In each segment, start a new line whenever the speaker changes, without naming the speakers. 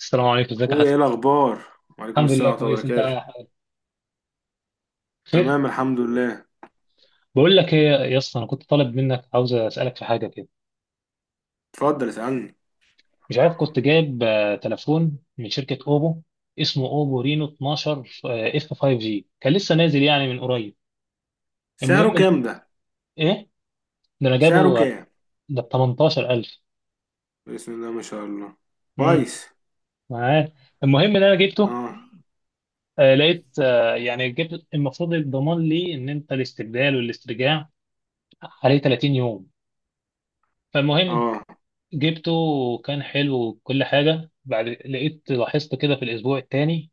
السلام عليكم، ازيك يا
اخويا
حسن؟
ايه الاخبار؟ وعليكم
الحمد لله،
السلام ورحمه الله
كويس. انت
وبركاته.
خير؟
تمام الحمد لله.
بقول لك ايه يا اسطى، انا كنت طالب منك، عاوز اسالك في حاجه كده.
اتفضل اسالني.
مش عارف، كنت جايب تليفون من شركه اوبو. اسمه اوبو رينو 12 اف 5 جي، كان لسه نازل يعني من قريب.
سعره
المهم
كام ده؟
ايه. ده انا
سعره
جابه.
كام؟
ده ب 18,000.
بسم الله ما شاء الله،
امم
كويس.
معاك؟ المهم ان انا جبته،
اه
لقيت يعني جبت المفروض الضمان ليه ان انت الاستبدال والاسترجاع عليه 30 يوم. فالمهم
اه،
جبته، وكان حلو وكل حاجة. بعد لقيت، لاحظت كده في الأسبوع التاني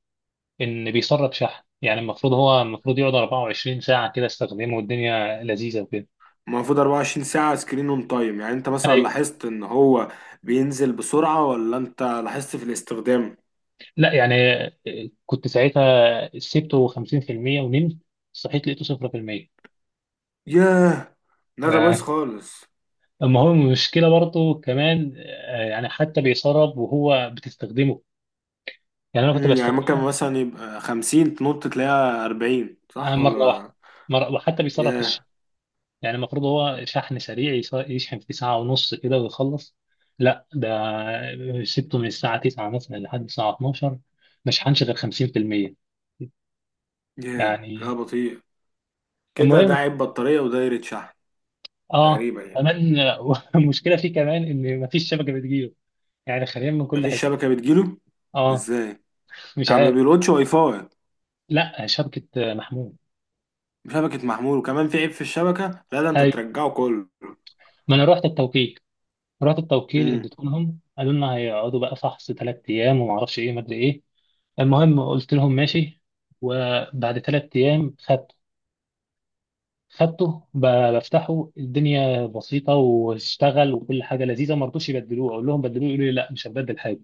إن بيسرب شحن. يعني المفروض، هو المفروض يقعد 24 ساعة كده استخدمه والدنيا لذيذة وكده.
المفروض 24 ساعه سكرين اون تايم. يعني انت مثلا
أيوه.
لاحظت ان هو بينزل بسرعه، ولا انت لاحظت في الاستخدام؟
لا يعني، كنت ساعتها سبته 50% ونمت، صحيت لقيته 0%
ياه، لا ده بايظ
آه،
خالص.
أما هو المشكلة برضه كمان، يعني حتى بيسرب وهو بتستخدمه. يعني أنا كنت
يعني ممكن
بستخدمه،
مثلا يبقى 50 تنط تلاقيها 40، صح
مرة واحدة.
ولا؟
مرة، وحتى بيسرب في.
ياه
يعني المفروض هو شحن سريع، يشحن في ساعة ونص كده ويخلص. لا ده، سبته من الساعة 9 مثلا لحد الساعة 12 ما شحنش غير 50%
ياه لا
يعني.
بطيء. كده ده
المهم،
عيب بطاريه ودايره شحن.
اه
تقريبا يعني.
كمان المشكلة فيه كمان ان ما فيش شبكة بتجيله. يعني خلينا من كل
مفيش
حتة.
شبكة بتجيله؟
اه.
ازاي
مش
يعني، ما
عارف.
بيلقطش واي فاي؟
لا، شبكة محمود.
شبكة محمول وكمان في عيب في الشبكة؟ لا ده انت
هاي،
ترجعه كله.
ما انا رحت التوكيل، رحت التوكيل
امم.
اديتهم لهم، قالوا لنا هيقعدوا بقى فحص 3 ايام وما اعرفش ايه ما ادري ايه. المهم قلت لهم ماشي. وبعد 3 ايام خدته، خدته ب- بفتحه، الدنيا بسيطه واشتغل وكل حاجه لذيذه. ما رضوش يبدلوه، اقول لهم بدلوه يقولوا لي لا مش هبدل حاجه.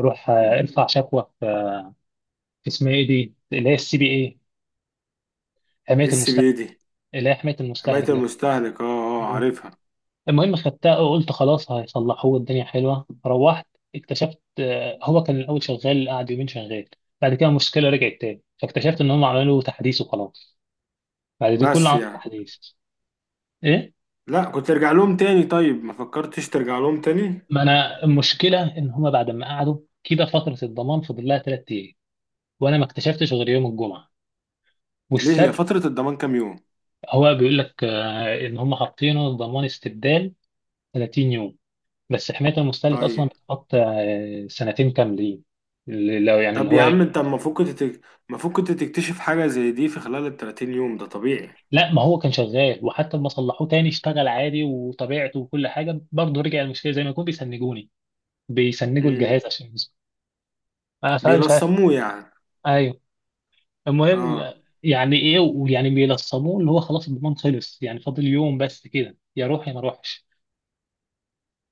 روح ارفع شكوى في اسمها ايه دي، اللي هي السي بي اي، حمايه
اس
المستهلك،
بي دي.
اللي هي حمايه
حماية
المستهلك ده.
المستهلك، اه اه
مم.
عارفها.
المهم خدتها وقلت خلاص هيصلحوه الدنيا حلوه، روحت اكتشفت هو كان الاول شغال، قعد يومين شغال. بعد كده المشكله رجعت تاني، فاكتشفت ان هم عملوا تحديث وخلاص. بعد ده كله
بس
عملوا
يعني،
تحديث. ايه.
لا كنت ترجع لهم تاني، طيب ما فكرتش ترجع لهم تاني؟
ما انا المشكله ان هما بعد ما قعدوا كده، فتره الضمان فضل لها 3 ايام، وانا ما اكتشفتش غير يوم الجمعه
ليه، هي
والسبت.
فترة الضمان كام يوم؟
هو بيقول لك ان هما حاطينه ضمان استبدال 30 يوم، بس حمايه المستهلك اصلا
طيب.
بتحط سنتين كاملين. لو يعني اللي
طب
هو.
يا عم انت المفروض كنت تك- المفروض كنت تكتشف حاجة زي دي في خلال ال 30 يوم، ده طبيعي.
لا، ما هو كان شغال، وحتى لما صلحوه تاني اشتغل عادي وطبيعته، وكل حاجه برضه رجع المشكله، زي ما يكون بيسنجوني، بيسنجوا
امم.
الجهاز عشان يسمع. فمش عارف.
بيلصموه يعني؟
ايوه. المهم
اه.
يعني ايه، ويعني بيلصموه اللي هو خلاص الضمان خلص، يعني فاضل يوم بس كده، يا روح يا ما اروحش.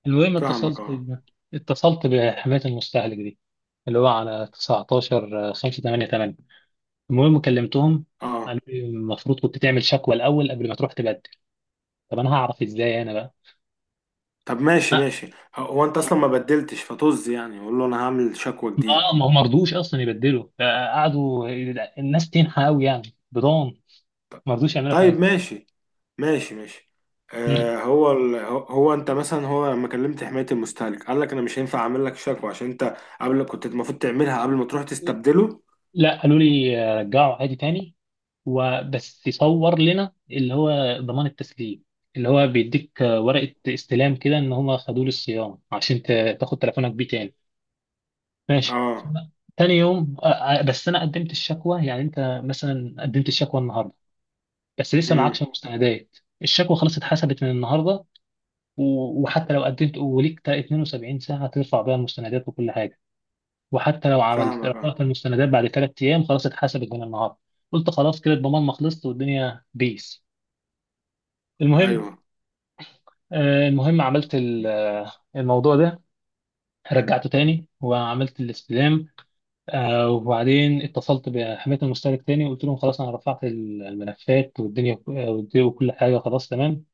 المهم
فاهمك
اتصلت،
اه.
بحماية المستهلك دي اللي هو على 19 5 8 8. المهم كلمتهم،
اه.
قالوا لي المفروض كنت تعمل شكوى الاول قبل ما تروح تبدل. طب انا هعرف ازاي انا بقى؟
طب ماشي ماشي. هو انت اصلا ما بدلتش فطز، يعني قول له انا هعمل شكوى جديده.
اه، ما هو مرضوش اصلا يبدلوا، قعدوا الناس تنحى قوي يعني، بضان مرضوش يعملوا
طيب.
حاجه.
ماشي.
مم.
هو انت مثلا، هو لما كلمت حمايه المستهلك قال لك انا مش هينفع اعمل لك شكوى عشان انت قبل كنت المفروض تعملها قبل ما تروح تستبدله؟
لا قالوا لي رجعوا عادي تاني، وبس يصور لنا اللي هو ضمان التسليم، اللي هو بيديك ورقة استلام كده ان هم خدوه للصيانة، عشان تاخد تليفونك بيه تاني. ماشي.
اه.
تاني يوم، بس انا قدمت الشكوى، يعني انت مثلا قدمت الشكوى النهارده بس لسه
امم.
معكش مستندات، الشكوى خلاص اتحسبت من النهارده. وحتى لو قدمت وليك 72 ساعة ترفع بيها المستندات وكل حاجة. وحتى لو عملت
فاهمك اه.
رفعت المستندات بعد 3 ايام، خلاص اتحسبت من النهارده. قلت خلاص كده الضمان ما خلصت والدنيا بيس. المهم
ايوه.
المهم عملت الموضوع ده، رجعته تاني وعملت الاستلام. وبعدين اتصلت بحماية المشترك تاني، وقلت لهم خلاص انا رفعت الملفات، والدنيا والدنيا وكل حاجة خلاص تمام.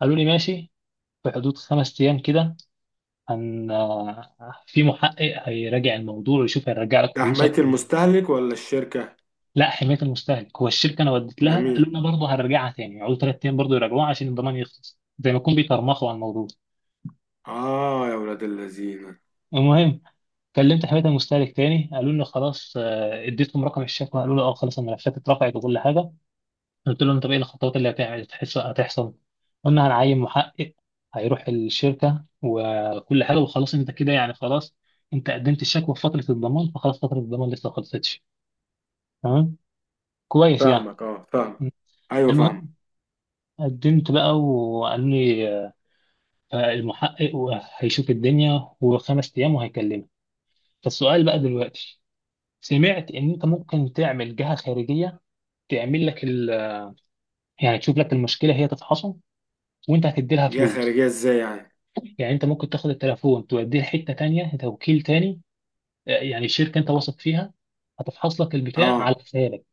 قالوا لي ماشي. في حدود 5 ايام كده هن آه، في محقق هيراجع الموضوع ويشوف، هيرجع لك
ده حمايه
فلوسك ولا لا.
المستهلك ولا الشركه؟
لا، حماية المستهلك هو الشركة انا وديت لها، قالوا
جميل.
لنا برضه هنرجعها تاني، يقعدوا 3 ايام برضه يراجعوها عشان الضمان يخلص، زي ما يكون بيترمخوا على الموضوع.
اه يا ولاد اللذين.
المهم كلمت حمايه المستهلك تاني، قالوا لي خلاص، اديتهم رقم الشكوى، قالوا لي اه خلاص الملفات اترفعت وكل حاجه. قلت لهم طب ايه الخطوات اللي هتعمل، هتحصل. قلنا هنعين محقق هيروح الشركه وكل حاجه، وخلاص انت كده يعني خلاص، انت قدمت الشكوى في فتره الضمان فخلاص، فتره الضمان لسه ما خلصتش. تمام، كويس يعني.
فاهمك اه، فاهم. ايوه فاهم.
المهم قدمت بقى، وقالوا لي المحقق هيشوف الدنيا، وخمس ايام وهيكلمك. فالسؤال بقى دلوقتي، سمعت ان انت ممكن تعمل جهه خارجيه، تعمل لك يعني تشوف لك المشكله هي تتحصل، وانت هتدي لها
جهه
فلوس.
خارجيه ازاي يعني؟
يعني انت ممكن تاخد التليفون توديه لحته تانية، توكيل تاني، يعني شركه انت واثق فيها، هتفحص لك البتاع على
اه.
حسابك.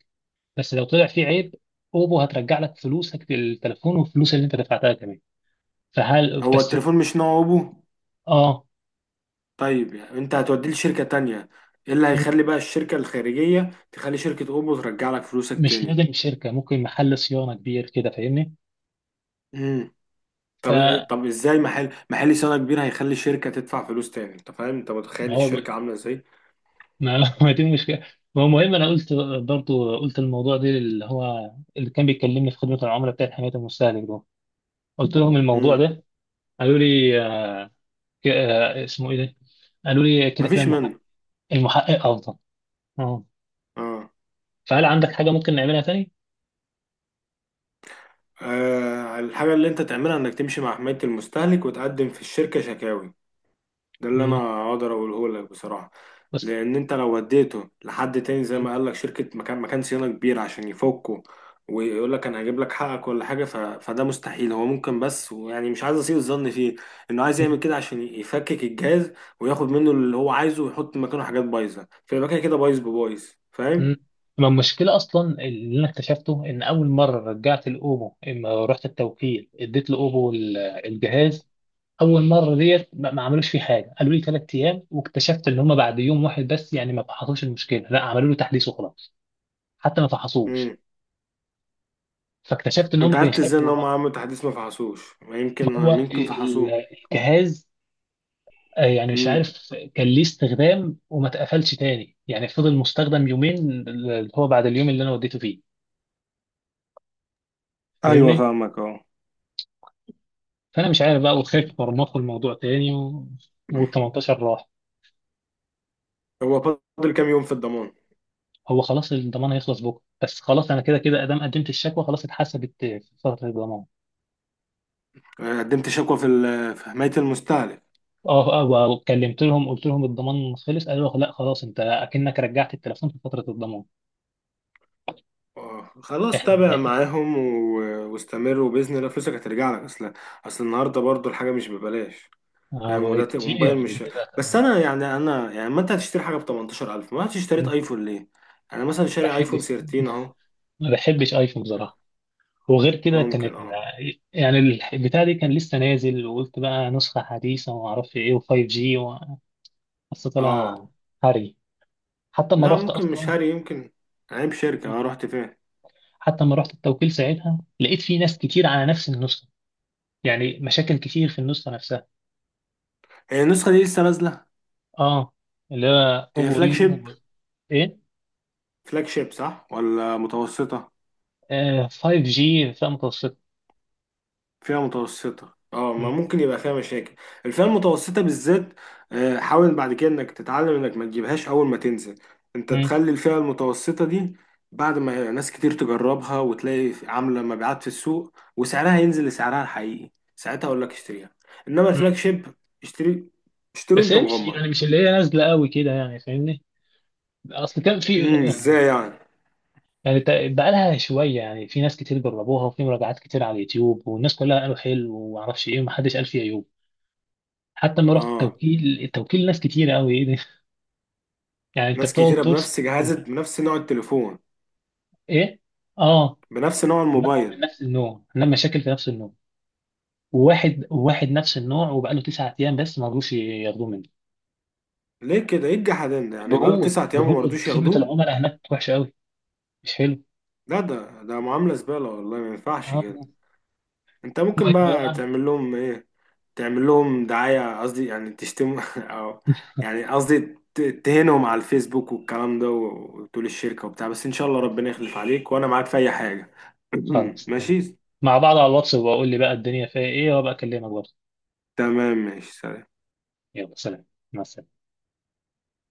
بس لو طلع فيه عيب، اوبو هترجع لك فلوسك للتليفون، والفلوس اللي انت دفعتها كمان. فهل
هو
بس.
التليفون مش نوع ابو؟
اه
طيب يعني انت هتوديه لشركة تانية، ايه اللي هيخلي بقى الشركة الخارجية تخلي شركة اوبو ترجع لك فلوسك
مش
تاني؟
لازم شركه، ممكن محل صيانه كبير كده فاهمني.
امم. طب ازاي محل صيانة كبير هيخلي شركة تدفع فلوس تاني؟ انت فاهم انت متخيل
فهو
الشركة عاملة ازاي؟
ما ما دي المشكله. ما هو المهم انا قلت، برضو قلت الموضوع ده، اللي هو اللي كان بيكلمني في خدمه العملاء بتاعت حمايه المستهلك ده، قلت لهم الموضوع
امم.
ده. قالوا لي اسمه ايه ده؟ قالوا لي كده كده،
مفيش
المحقق
منه.
المحقق افضل. اه.
اه.
فهل عندك حاجه ممكن نعملها تاني؟
الحاجة اللي انت تعملها انك تمشي مع حماية المستهلك وتقدم في الشركة شكاوي. ده اللي
امم
انا اقدر اقوله لك بصراحه.
بس.
لان انت لو وديته لحد تاني زي
مم.
ما قال لك شركه، مكان صيانه كبير عشان يفكه ويقول لك انا هجيب لك حقك ولا حاجه، فده مستحيل. هو ممكن بس، ويعني مش عايز اسيء الظن فيه انه عايز
مم.
يعمل كده عشان يفكك الجهاز وياخد منه اللي هو عايزه ويحط مكانه حاجات بايظه، فيبقى كده كده بايظ ببايظ. فاهم؟
مم. ما المشكله اصلا اللي انا اكتشفته، ان اول مره رجعت الاوبو اما رحت التوكيل، اديت لاوبو الجهاز. اول مره ديت ما عملوش فيه حاجه، قالوا لي 3 ايام، واكتشفت ان هم بعد يوم واحد بس يعني ما فحصوش المشكله، لا عملوا له تحديث وخلاص. حتى ما
امم.
فحصوش. فاكتشفت ان هم
وانت عرفت ازاي ان
بيخافوا
هم
بقى.
عملوا تحديث ما فحصوش؟ ما يمكن
ما هو
يمكن فحصوه.
الجهاز يعني مش
امم.
عارف كان ليه استخدام وما اتقفلش تاني، يعني فضل مستخدم يومين، اللي هو بعد اليوم اللي انا وديته فيه.
ايوه
فاهمني.
فاهمك اه.
فانا مش عارف بقى، وخايف مرمطوا الموضوع تاني. وال18 راح.
هو فاضل كام يوم في الضمان؟
هو خلاص الضمان هيخلص بكره، بس خلاص انا كده كده ادام قدمت الشكوى، خلاص اتحسبت في فتره الضمان.
قدمت شكوى في في حماية المستهلك؟
اه، اه. وكلمت لهم قلت لهم الضمان خلص، قالوا لا خلاص، انت اكنك رجعت التليفون في فتره الضمان.
خلاص
احنا
تابع
حقيقي
معاهم واستمر، وبإذن الله فلوسك هترجع لك. أصل، أصل النهاردة برضو الحاجة مش ببلاش.
اه
فاهم؟
بقى
وموبايل
كتير
مش
كتير.
بس. أنا يعني، أنا يعني ما أنت هتشتري حاجة ب 18000، ما أنت اشتريت
ما
أيفون ليه؟ أنا مثلا شاري أيفون
بحبش
13 أهو.
ما بحبش ايفون بصراحه. وغير كده كان.
ممكن أه
يعني البتاع دي كان لسه نازل، وقلت بقى نسخه حديثه وما اعرفش ايه و5 جي. بس
أه.
طلع هري. حتى ما
لا
رحت
ممكن مش
اصلا،
هاري، يمكن عيب شركة. أنا رحت فين؟
حتى ما رحت التوكيل ساعتها، لقيت في ناس كتير على نفس النسخه، يعني مشاكل كتير في النسخه نفسها.
هي النسخة دي لسه نازلة؟
اه، اللي هو طب
هي فلاج
ورينو.
شيب؟
ايه.
فلاج شيب صح ولا متوسطة؟
5G فئة متوسطة.
فئة متوسطة اه، ما
مم.
ممكن يبقى فيها مشاكل. الفئة المتوسطة بالذات. حاول بعد كده انك تتعلم انك ما تجيبهاش اول ما تنزل. انت
مم.
تخلي الفئة المتوسطة دي بعد ما ناس كتير تجربها وتلاقي عاملة مبيعات في السوق وسعرها ينزل لسعرها الحقيقي، ساعتها اقول لك اشتريها. انما
مم.
الفلاج شيب اشتري، اشتري
بس
وانت
هي مش
مغمض.
يعني مش اللي هي نازلة قوي كده يعني فاهمني. اصل كان في،
امم. ازاي يعني؟
يعني بقالها شوية، يعني في ناس كتير جربوها، وفي مراجعات كتير على اليوتيوب، والناس كلها قالوا حلو ومعرفش ايه، ومحدش قال فيه عيوب. حتى لما رحت
اه.
التوكيل، ناس كتير قوي. ايه ده؟ يعني انت
ناس
بتقعد
كتيرة
طول
بنفس جهاز،
سنتين.
بنفس نوع التليفون،
ايه. اه،
بنفس نوع
كلهم
الموبايل؟
من نفس النوع، عندنا مشاكل في نفس النوع. وواحد واحد نفس النوع، وبقاله 9 ايام بس ما رضوش ياخدوه منه.
ليه كده، ايه الجحدان ده؟ يعني بقاله
برود،
9 ايام
برود،
ومرضوش
خدمة
ياخدوه؟
العملاء هناك وحشة أوي. مش حلو.
لا ده ده معاملة زبالة، والله ما ينفعش كده.
اه،
انت ممكن
المهم
بقى
بقى.
تعمل لهم ايه؟ تعمل لهم دعاية، قصدي يعني تشتم او يعني قصدي تهينهم على الفيسبوك والكلام ده وتقول الشركة وبتاع. بس ان شاء الله ربنا يخلف عليك، وانا معاك في اي حاجة.
خلاص تمام،
ماشي.
مع بعض على الواتس، وبقول لي بقى الدنيا فيها إيه وأبقى أكلمك برضه.
تمام ماشي، سلام.
يلا سلام. مع السلامة.